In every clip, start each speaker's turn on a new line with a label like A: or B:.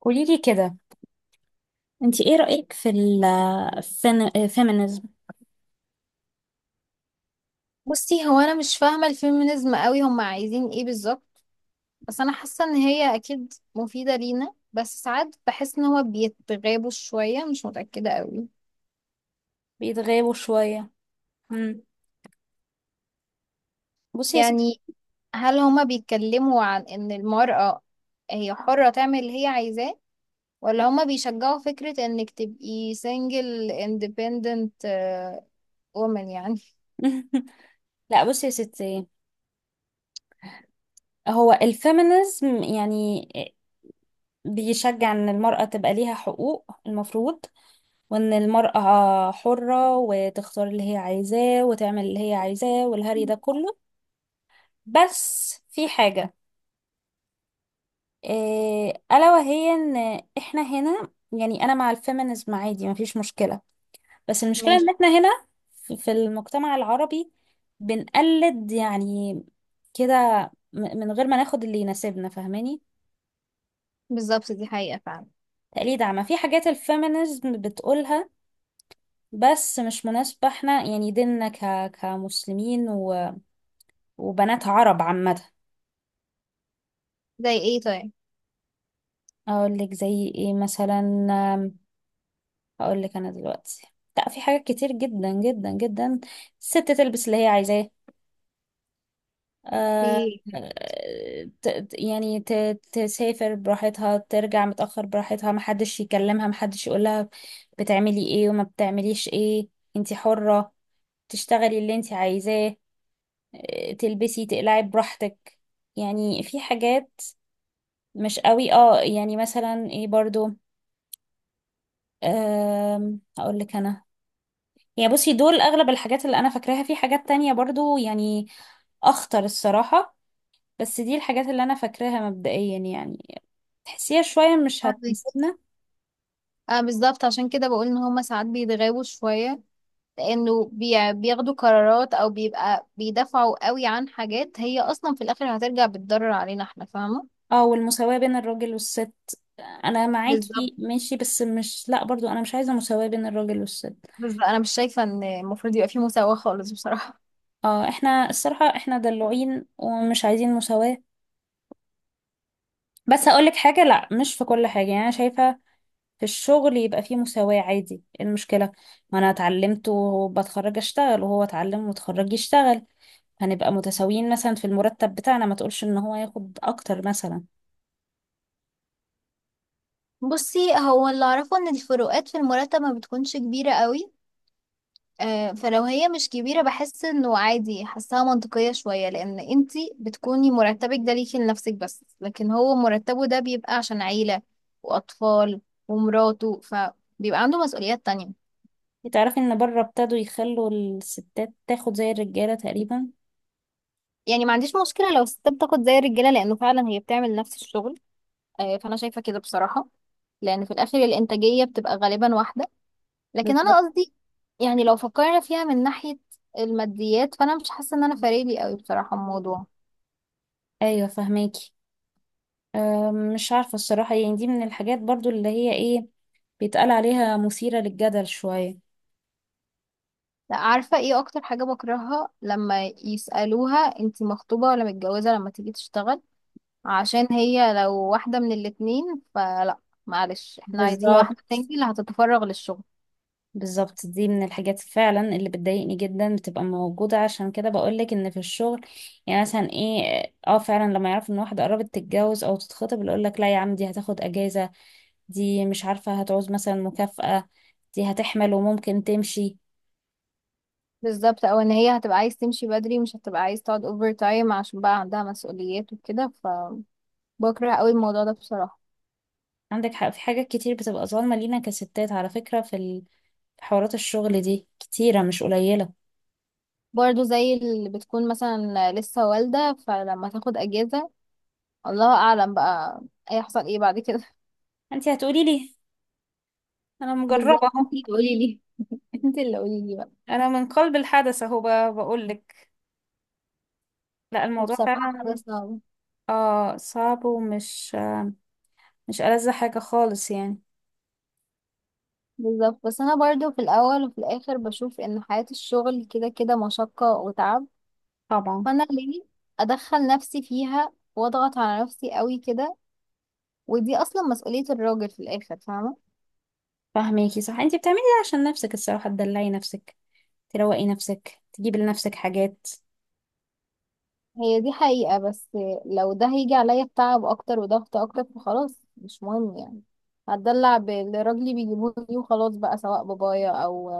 A: قوليلي كده، انت ايه رأيك في ال feminism؟
B: بصي، هو انا مش فاهمه الفيمينيزم قوي. هم عايزين ايه بالظبط؟ بس انا حاسه ان هي اكيد مفيده لينا، بس ساعات بحس ان هو بيتغابوا شويه، مش متاكده قوي.
A: بيتغابوا شوية. مم. بصي يا ستي.
B: يعني هل هما بيتكلموا عن ان المراه هي حره تعمل اللي هي عايزاه، ولا هما بيشجعوا فكره انك تبقي سنجل اندبندنت وومن يعني؟
A: لا، بصي يا ستي. هو الفيمينيزم يعني بيشجع ان المرأة تبقى ليها حقوق المفروض، وان المرأة حرة وتختار اللي هي عايزاه وتعمل اللي هي عايزاه والهري ده كله. بس في حاجة، إيه، ألا وهي ان احنا هنا. يعني انا مع الفيمينيزم عادي، مفيش مشكلة. بس المشكلة ان
B: ماشي.
A: احنا هنا في المجتمع العربي بنقلد يعني كده، من غير ما ناخد اللي يناسبنا، فاهماني؟
B: بالظبط، دي حقيقه فعلا.
A: تقليد، عما في حاجات الفيمينيزم بتقولها بس مش مناسبة. احنا يعني ديننا كمسلمين وبنات عرب عامة.
B: زي ايه طيب؟
A: اقول لك زي ايه مثلا؟ اقول لك انا دلوقتي. لا، في حاجات كتير جدا جدا جدا. الست تلبس اللي هي عايزاه. آه،
B: ايه.
A: آه، تسافر براحتها، ترجع متأخر براحتها، محدش يكلمها محدش يقولها بتعملي ايه وما بتعمليش ايه. انتي حرة تشتغلي اللي انتي عايزاه. آه، تلبسي تقلعي براحتك. يعني في حاجات مش قوي، اه يعني مثلا ايه برضو. هقول لك انا، يعني بصي دول اغلب الحاجات اللي انا فاكراها، في حاجات تانية برضو يعني اخطر الصراحة، بس دي الحاجات اللي انا فاكراها مبدئيا يعني. تحسيها شوية مش
B: فاهمك.
A: هتناسبنا.
B: اه بالظبط، عشان كده بقول ان هما ساعات بيتغابوا شويه، لانه بياخدوا قرارات او بيبقى بيدافعوا قوي عن حاجات هي اصلا في الاخر هترجع بتضرر علينا احنا، فاهمه؟
A: اه، والمساواة بين الراجل والست، انا
B: بالظبط.
A: معاكي ماشي، بس مش، لا برضو انا مش عايزة مساواة بين الراجل والست.
B: بالظبط انا مش شايفه ان المفروض يبقى في مساواه خالص بصراحه.
A: اه، احنا الصراحة احنا دلوعين ومش عايزين مساواة. بس هقولك حاجة، لا مش في كل حاجة، يعني انا شايفة في الشغل يبقى فيه مساواة عادي، إيه المشكلة؟ ما انا اتعلمت وبتخرج اشتغل، وهو اتعلم وتخرج يشتغل، هنبقى متساويين مثلا في المرتب بتاعنا، ما تقولش ان هو ياخد اكتر مثلا.
B: بصي هو اللي اعرفه ان الفروقات في المرتب ما بتكونش كبيره قوي. آه، فلو هي مش كبيره بحس انه عادي، حاساها منطقيه شويه، لان انتي بتكوني مرتبك ده ليكي لنفسك بس، لكن هو مرتبه ده بيبقى عشان عيله واطفال ومراته، فبيبقى عنده مسؤوليات تانية.
A: تعرفي ان بره ابتدوا يخلوا الستات تاخد زي الرجاله تقريبا.
B: يعني ما عنديش مشكلة لو الستات بتاخد زي الرجالة، لأنه فعلا هي بتعمل نفس الشغل. آه، فأنا شايفة كده بصراحة، لأن في الآخر الإنتاجية بتبقى غالبا واحدة. لكن أنا
A: بالظبط.
B: قصدي، يعني لو فكرنا فيها من ناحية الماديات، فأنا مش حاسة إن أنا فارقلي قوي بصراحة الموضوع.
A: ايوه، فهماكي. مش عارفه الصراحه، يعني دي من الحاجات برضو اللي هي ايه، بيتقال عليها مثيره للجدل شويه.
B: لا، عارفة إيه أكتر حاجة بكرهها؟ لما يسألوها أنتي مخطوبة ولا متجوزة لما تيجي تشتغل، عشان هي لو واحدة من الاتنين فلا، معلش، احنا عايزين
A: بالظبط،
B: واحدة تاني اللي هتتفرغ للشغل.
A: بالظبط، دي من الحاجات فعلا اللي بتضايقني جدا بتبقى موجوده، عشان كده بقولك ان في الشغل، يعني مثلا ايه. اه فعلا، لما يعرف ان واحده قربت تتجوز او تتخطب، اللي يقولك لا يا عم دي هتاخد اجازه، دي مش عارفه هتعوز مثلا مكافاه، دي هتحمل وممكن تمشي.
B: بالظبط، او ان هي هتبقى عايز تمشي بدري، مش هتبقى عايز تقعد اوفر تايم عشان بقى عندها مسؤوليات وكده، فبكره قوي الموضوع ده بصراحة.
A: عندك حق، في حاجات كتير بتبقى ظالمة لينا كستات على فكرة، في حوارات الشغل دي كتيرة مش قليلة.
B: برضو زي اللي بتكون مثلا لسه والدة، فلما تاخد اجازة الله اعلم بقى هيحصل ايه بعد كده.
A: انت هتقولي لي، انا مجربة
B: بالظبط،
A: اهو.
B: انت اللي قولي لي. انت اللي قولي لي بقى.
A: انا من قلب الحدث اهو، بقول لك. لا الموضوع
B: بصراحة حاجة
A: فعلا،
B: صعبة.
A: اه صعب، ومش مش ألذ حاجة خالص يعني.
B: بالظبط، بس انا برضو في الاول وفي الاخر بشوف ان حياة الشغل كده كده مشقة وتعب،
A: طبعا.
B: فانا ليه ادخل نفسي فيها واضغط على نفسي قوي كده؟ ودي اصلا مسؤولية الراجل في الاخر، فاهمة.
A: فاهميكي صح، انت بتعملي ده عشان نفسك الصراحة، تدلعي نفسك، تروقي نفسك، تجيبي لنفسك حاجات.
B: هي دي حقيقة، بس لو ده هيجي عليا بتعب اكتر وضغط اكتر فخلاص مش مهم يعني. هتدلع باللي راجلي بيجيبوه لي وخلاص بقى، سواء بابايا او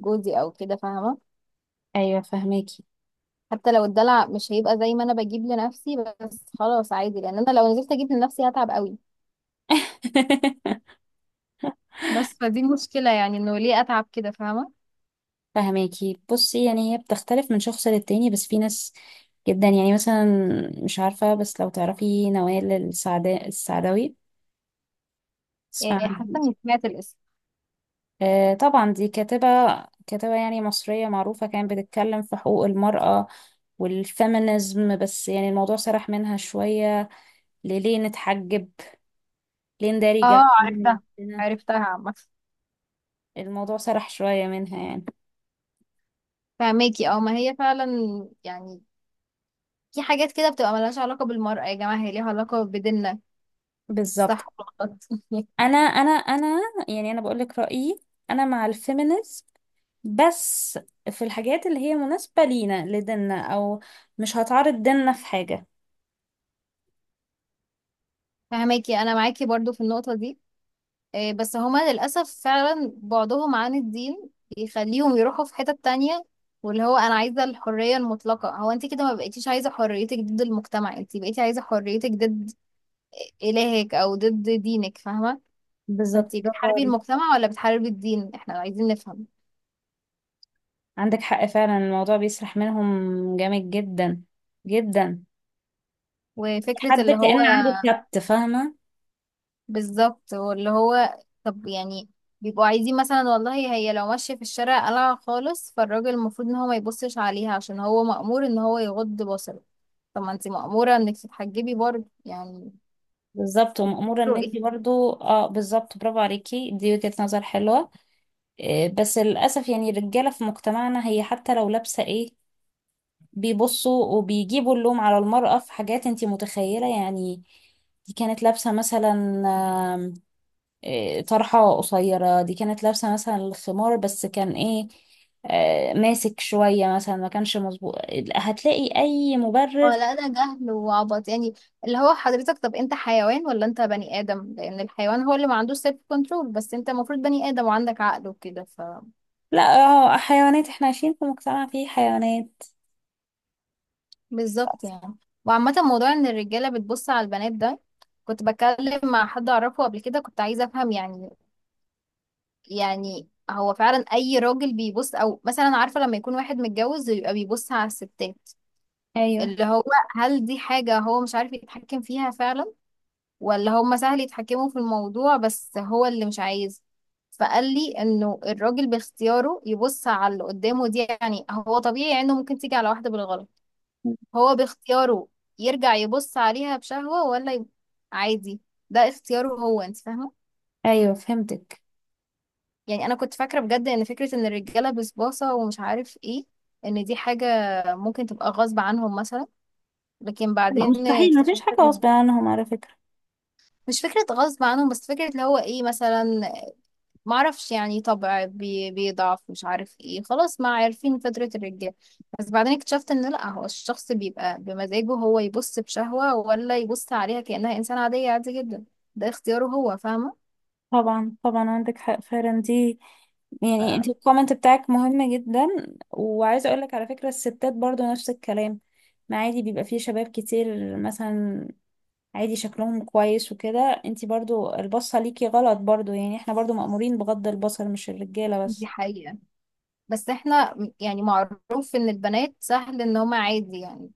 B: جوزي او كده، فاهمة.
A: ايوه فاهماكي.
B: حتى لو الدلع مش هيبقى زي ما انا بجيب لنفسي، بس خلاص عادي، لان انا لو نزلت اجيب لنفسي هتعب قوي. بس فدي المشكلة يعني، انه ليه اتعب كده، فاهمة؟
A: فهماكي. بصي يعني هي بتختلف من شخص للتاني، بس في ناس جدا، يعني مثلا مش عارفة، بس لو تعرفي نوال السعداوي، تسمع
B: إيه، حاسة
A: عنها؟
B: اني سمعت الاسم.
A: آه طبعا، دي كاتبة، كاتبة يعني مصرية معروفة، كانت بتتكلم في حقوق المرأة والفيمينيزم، بس يعني الموضوع سرح منها شوية، لليه نتحجب، ليه نداري
B: اه عرفتها،
A: جلدنا.
B: عرفتها عامة.
A: الموضوع سرح شوية منها يعني.
B: فهماكي. اه، ما هي فعلا يعني في حاجات كده بتبقى ملهاش علاقة بالمرأة يا جماعة، هي ليها علاقة بديننا،
A: بالظبط.
B: صح ولا غلط؟
A: انا، يعني انا بقول لك رأيي، انا مع الفيمينيزم، بس في الحاجات اللي هي مناسبة لينا لديننا، أو مش هتعرض ديننا في حاجة.
B: فهماكي، أنا معاكي برضو في النقطة دي. إيه، بس هما للأسف فعلا بعدهم عن الدين بيخليهم يروحوا في حتة تانية. واللي هو أنا عايزة الحرية المطلقة، هو أنت كده ما بقيتيش عايزة حريتك ضد المجتمع، أنت بقيتي عايزة حريتك ضد إلهك أو ضد دينك، فاهمة؟
A: بالظبط،
B: فأنت
A: برافو
B: بتحاربي
A: عليك.
B: المجتمع ولا بتحاربي الدين؟ إحنا عايزين نفهم.
A: عندك حق فعلا، الموضوع بيسرح منهم جامد جدا جدا.
B: وفكرة
A: حد
B: اللي هو،
A: كأن عنده كبت، فاهمة.
B: بالظبط، واللي هو، طب يعني بيبقوا عايزين مثلا والله هي لو ماشية في الشارع قلعة خالص، فالراجل المفروض ان هو ما يبصش عليها عشان هو مأمور ان هو يغض بصره، طب ما انت مأمورة انك تتحجبي برضه يعني.
A: بالظبط، ومأمورة ان انتي
B: رؤية.
A: برضو، اه بالظبط، برافو عليكي، دي وجهة نظر حلوة. إيه، بس للأسف يعني الرجالة في مجتمعنا، هي حتى لو لابسة ايه بيبصوا وبيجيبوا اللوم على المرأة في حاجات انتي متخيلة يعني. دي كانت لابسة مثلا آه، طرحة قصيرة، دي كانت لابسة مثلا الخمار بس كان ايه، آه، ماسك شوية مثلا ما كانش مظبوط، هتلاقي أي
B: اه
A: مبرر.
B: لا، ده جهل وعبط يعني. اللي هو حضرتك طب انت حيوان ولا انت بني آدم؟ لأن الحيوان هو اللي ما عندوش سيلف كنترول، بس انت المفروض بني آدم وعندك عقل وكده.
A: لا، اه حيوانات، احنا عايشين في مجتمع فيه حيوانات.
B: بالظبط يعني. وعامة، موضوع ان الرجالة بتبص على البنات ده، كنت بتكلم مع حد اعرفه قبل كده، كنت عايزة افهم يعني، يعني هو فعلا اي راجل بيبص؟ او مثلا عارفة لما يكون واحد متجوز ويبقى بيبص على الستات،
A: أيوه.
B: اللي هو هل دي حاجة هو مش عارف يتحكم فيها فعلا، ولا هما سهل يتحكموا في الموضوع بس هو اللي مش عايز؟ فقال لي انه الراجل باختياره يبص على اللي قدامه، دي يعني هو طبيعي انه ممكن تيجي على واحدة بالغلط، هو باختياره يرجع يبص عليها بشهوة ولا عادي، ده اختياره هو، انت فاهمة.
A: أيوه فهمتك.
B: يعني انا كنت فاكرة بجد ان فكرة ان الرجالة بسباسة ومش عارف ايه، ان دي حاجة ممكن تبقى غصب عنهم مثلا، لكن
A: لا
B: بعدين
A: مستحيل،
B: اكتشفت
A: مفيش حاجة غصب عنهم على فكرة.
B: مش فكرة غصب عنهم، بس فكرة اللي هو ايه مثلا، ما اعرفش يعني طبع بيضعف، مش عارف ايه، خلاص ما عارفين فطرة الرجال. بس بعدين اكتشفت ان لا، هو الشخص بيبقى بمزاجه هو، يبص بشهوة ولا يبص عليها كأنها انسان عادية عادي جدا، ده اختياره هو، فاهمة.
A: طبعا، طبعا، عندك حق فعلا، دي يعني انت الكومنت بتاعك مهم جدا، وعايزه اقول لك على فكره، الستات برضو نفس الكلام، ما عادي بيبقى فيه شباب كتير مثلا عادي شكلهم كويس وكده، انتي برضو البصة ليكي غلط برضو، يعني احنا برضو مأمورين بغض البصر، مش الرجالة
B: دي
A: بس.
B: حقيقة، بس احنا يعني معروف ان البنات سهل ان هما عادي يعني،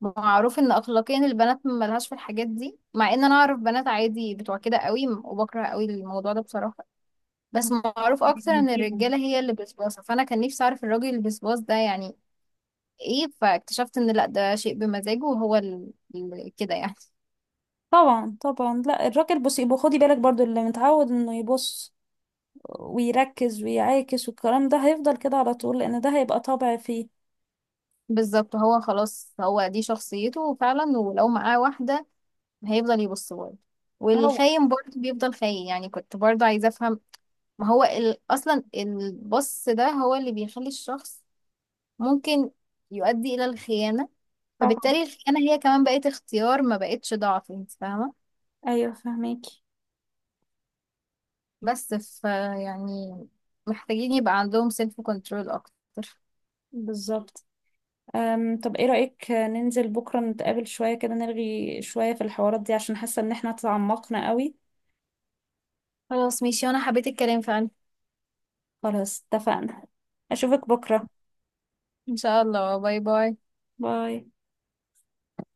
B: معروف ان اخلاقيا البنات ملهاش في الحاجات دي، مع ان انا اعرف بنات عادي بتوع كده قوي وبكره قوي الموضوع ده بصراحة، بس معروف اكتر ان
A: بيديهم.
B: الرجاله هي اللي بسباسه، فانا كان نفسي اعرف الراجل البسباس ده يعني ايه. فاكتشفت ان لا، ده شيء بمزاجه وهو كده يعني.
A: طبعا، طبعا، لا الراجل بصي يبقى خدي بالك برضو، اللي متعود انه يبص ويركز ويعاكس والكلام ده هيفضل كده على طول، لان ده هيبقى طبع فيه.
B: بالظبط، هو خلاص هو دي شخصيته فعلا، ولو معاه واحده هيفضل يبص برضه،
A: اه
B: والخاين برضه بيفضل خاين يعني، كنت برضه عايزه افهم. ما هو اصلا البص ده هو اللي بيخلي الشخص ممكن يؤدي الى الخيانه،
A: طبعا.
B: فبالتالي الخيانه هي كمان بقت اختيار، ما بقتش ضعف، انت فاهمه.
A: ايوه فهميكي.
B: بس ف يعني محتاجين يبقى عندهم سيلف كنترول اكتر.
A: بالظبط. طب ايه رأيك ننزل بكرة نتقابل شوية كده، نلغي شوية في الحوارات دي، عشان حاسة ان احنا تعمقنا قوي.
B: خلاص ماشي، وانا حبيت الكلام فعلا.
A: خلاص اتفقنا، اشوفك بكرة.
B: ان شاء الله، باي باي.
A: باي.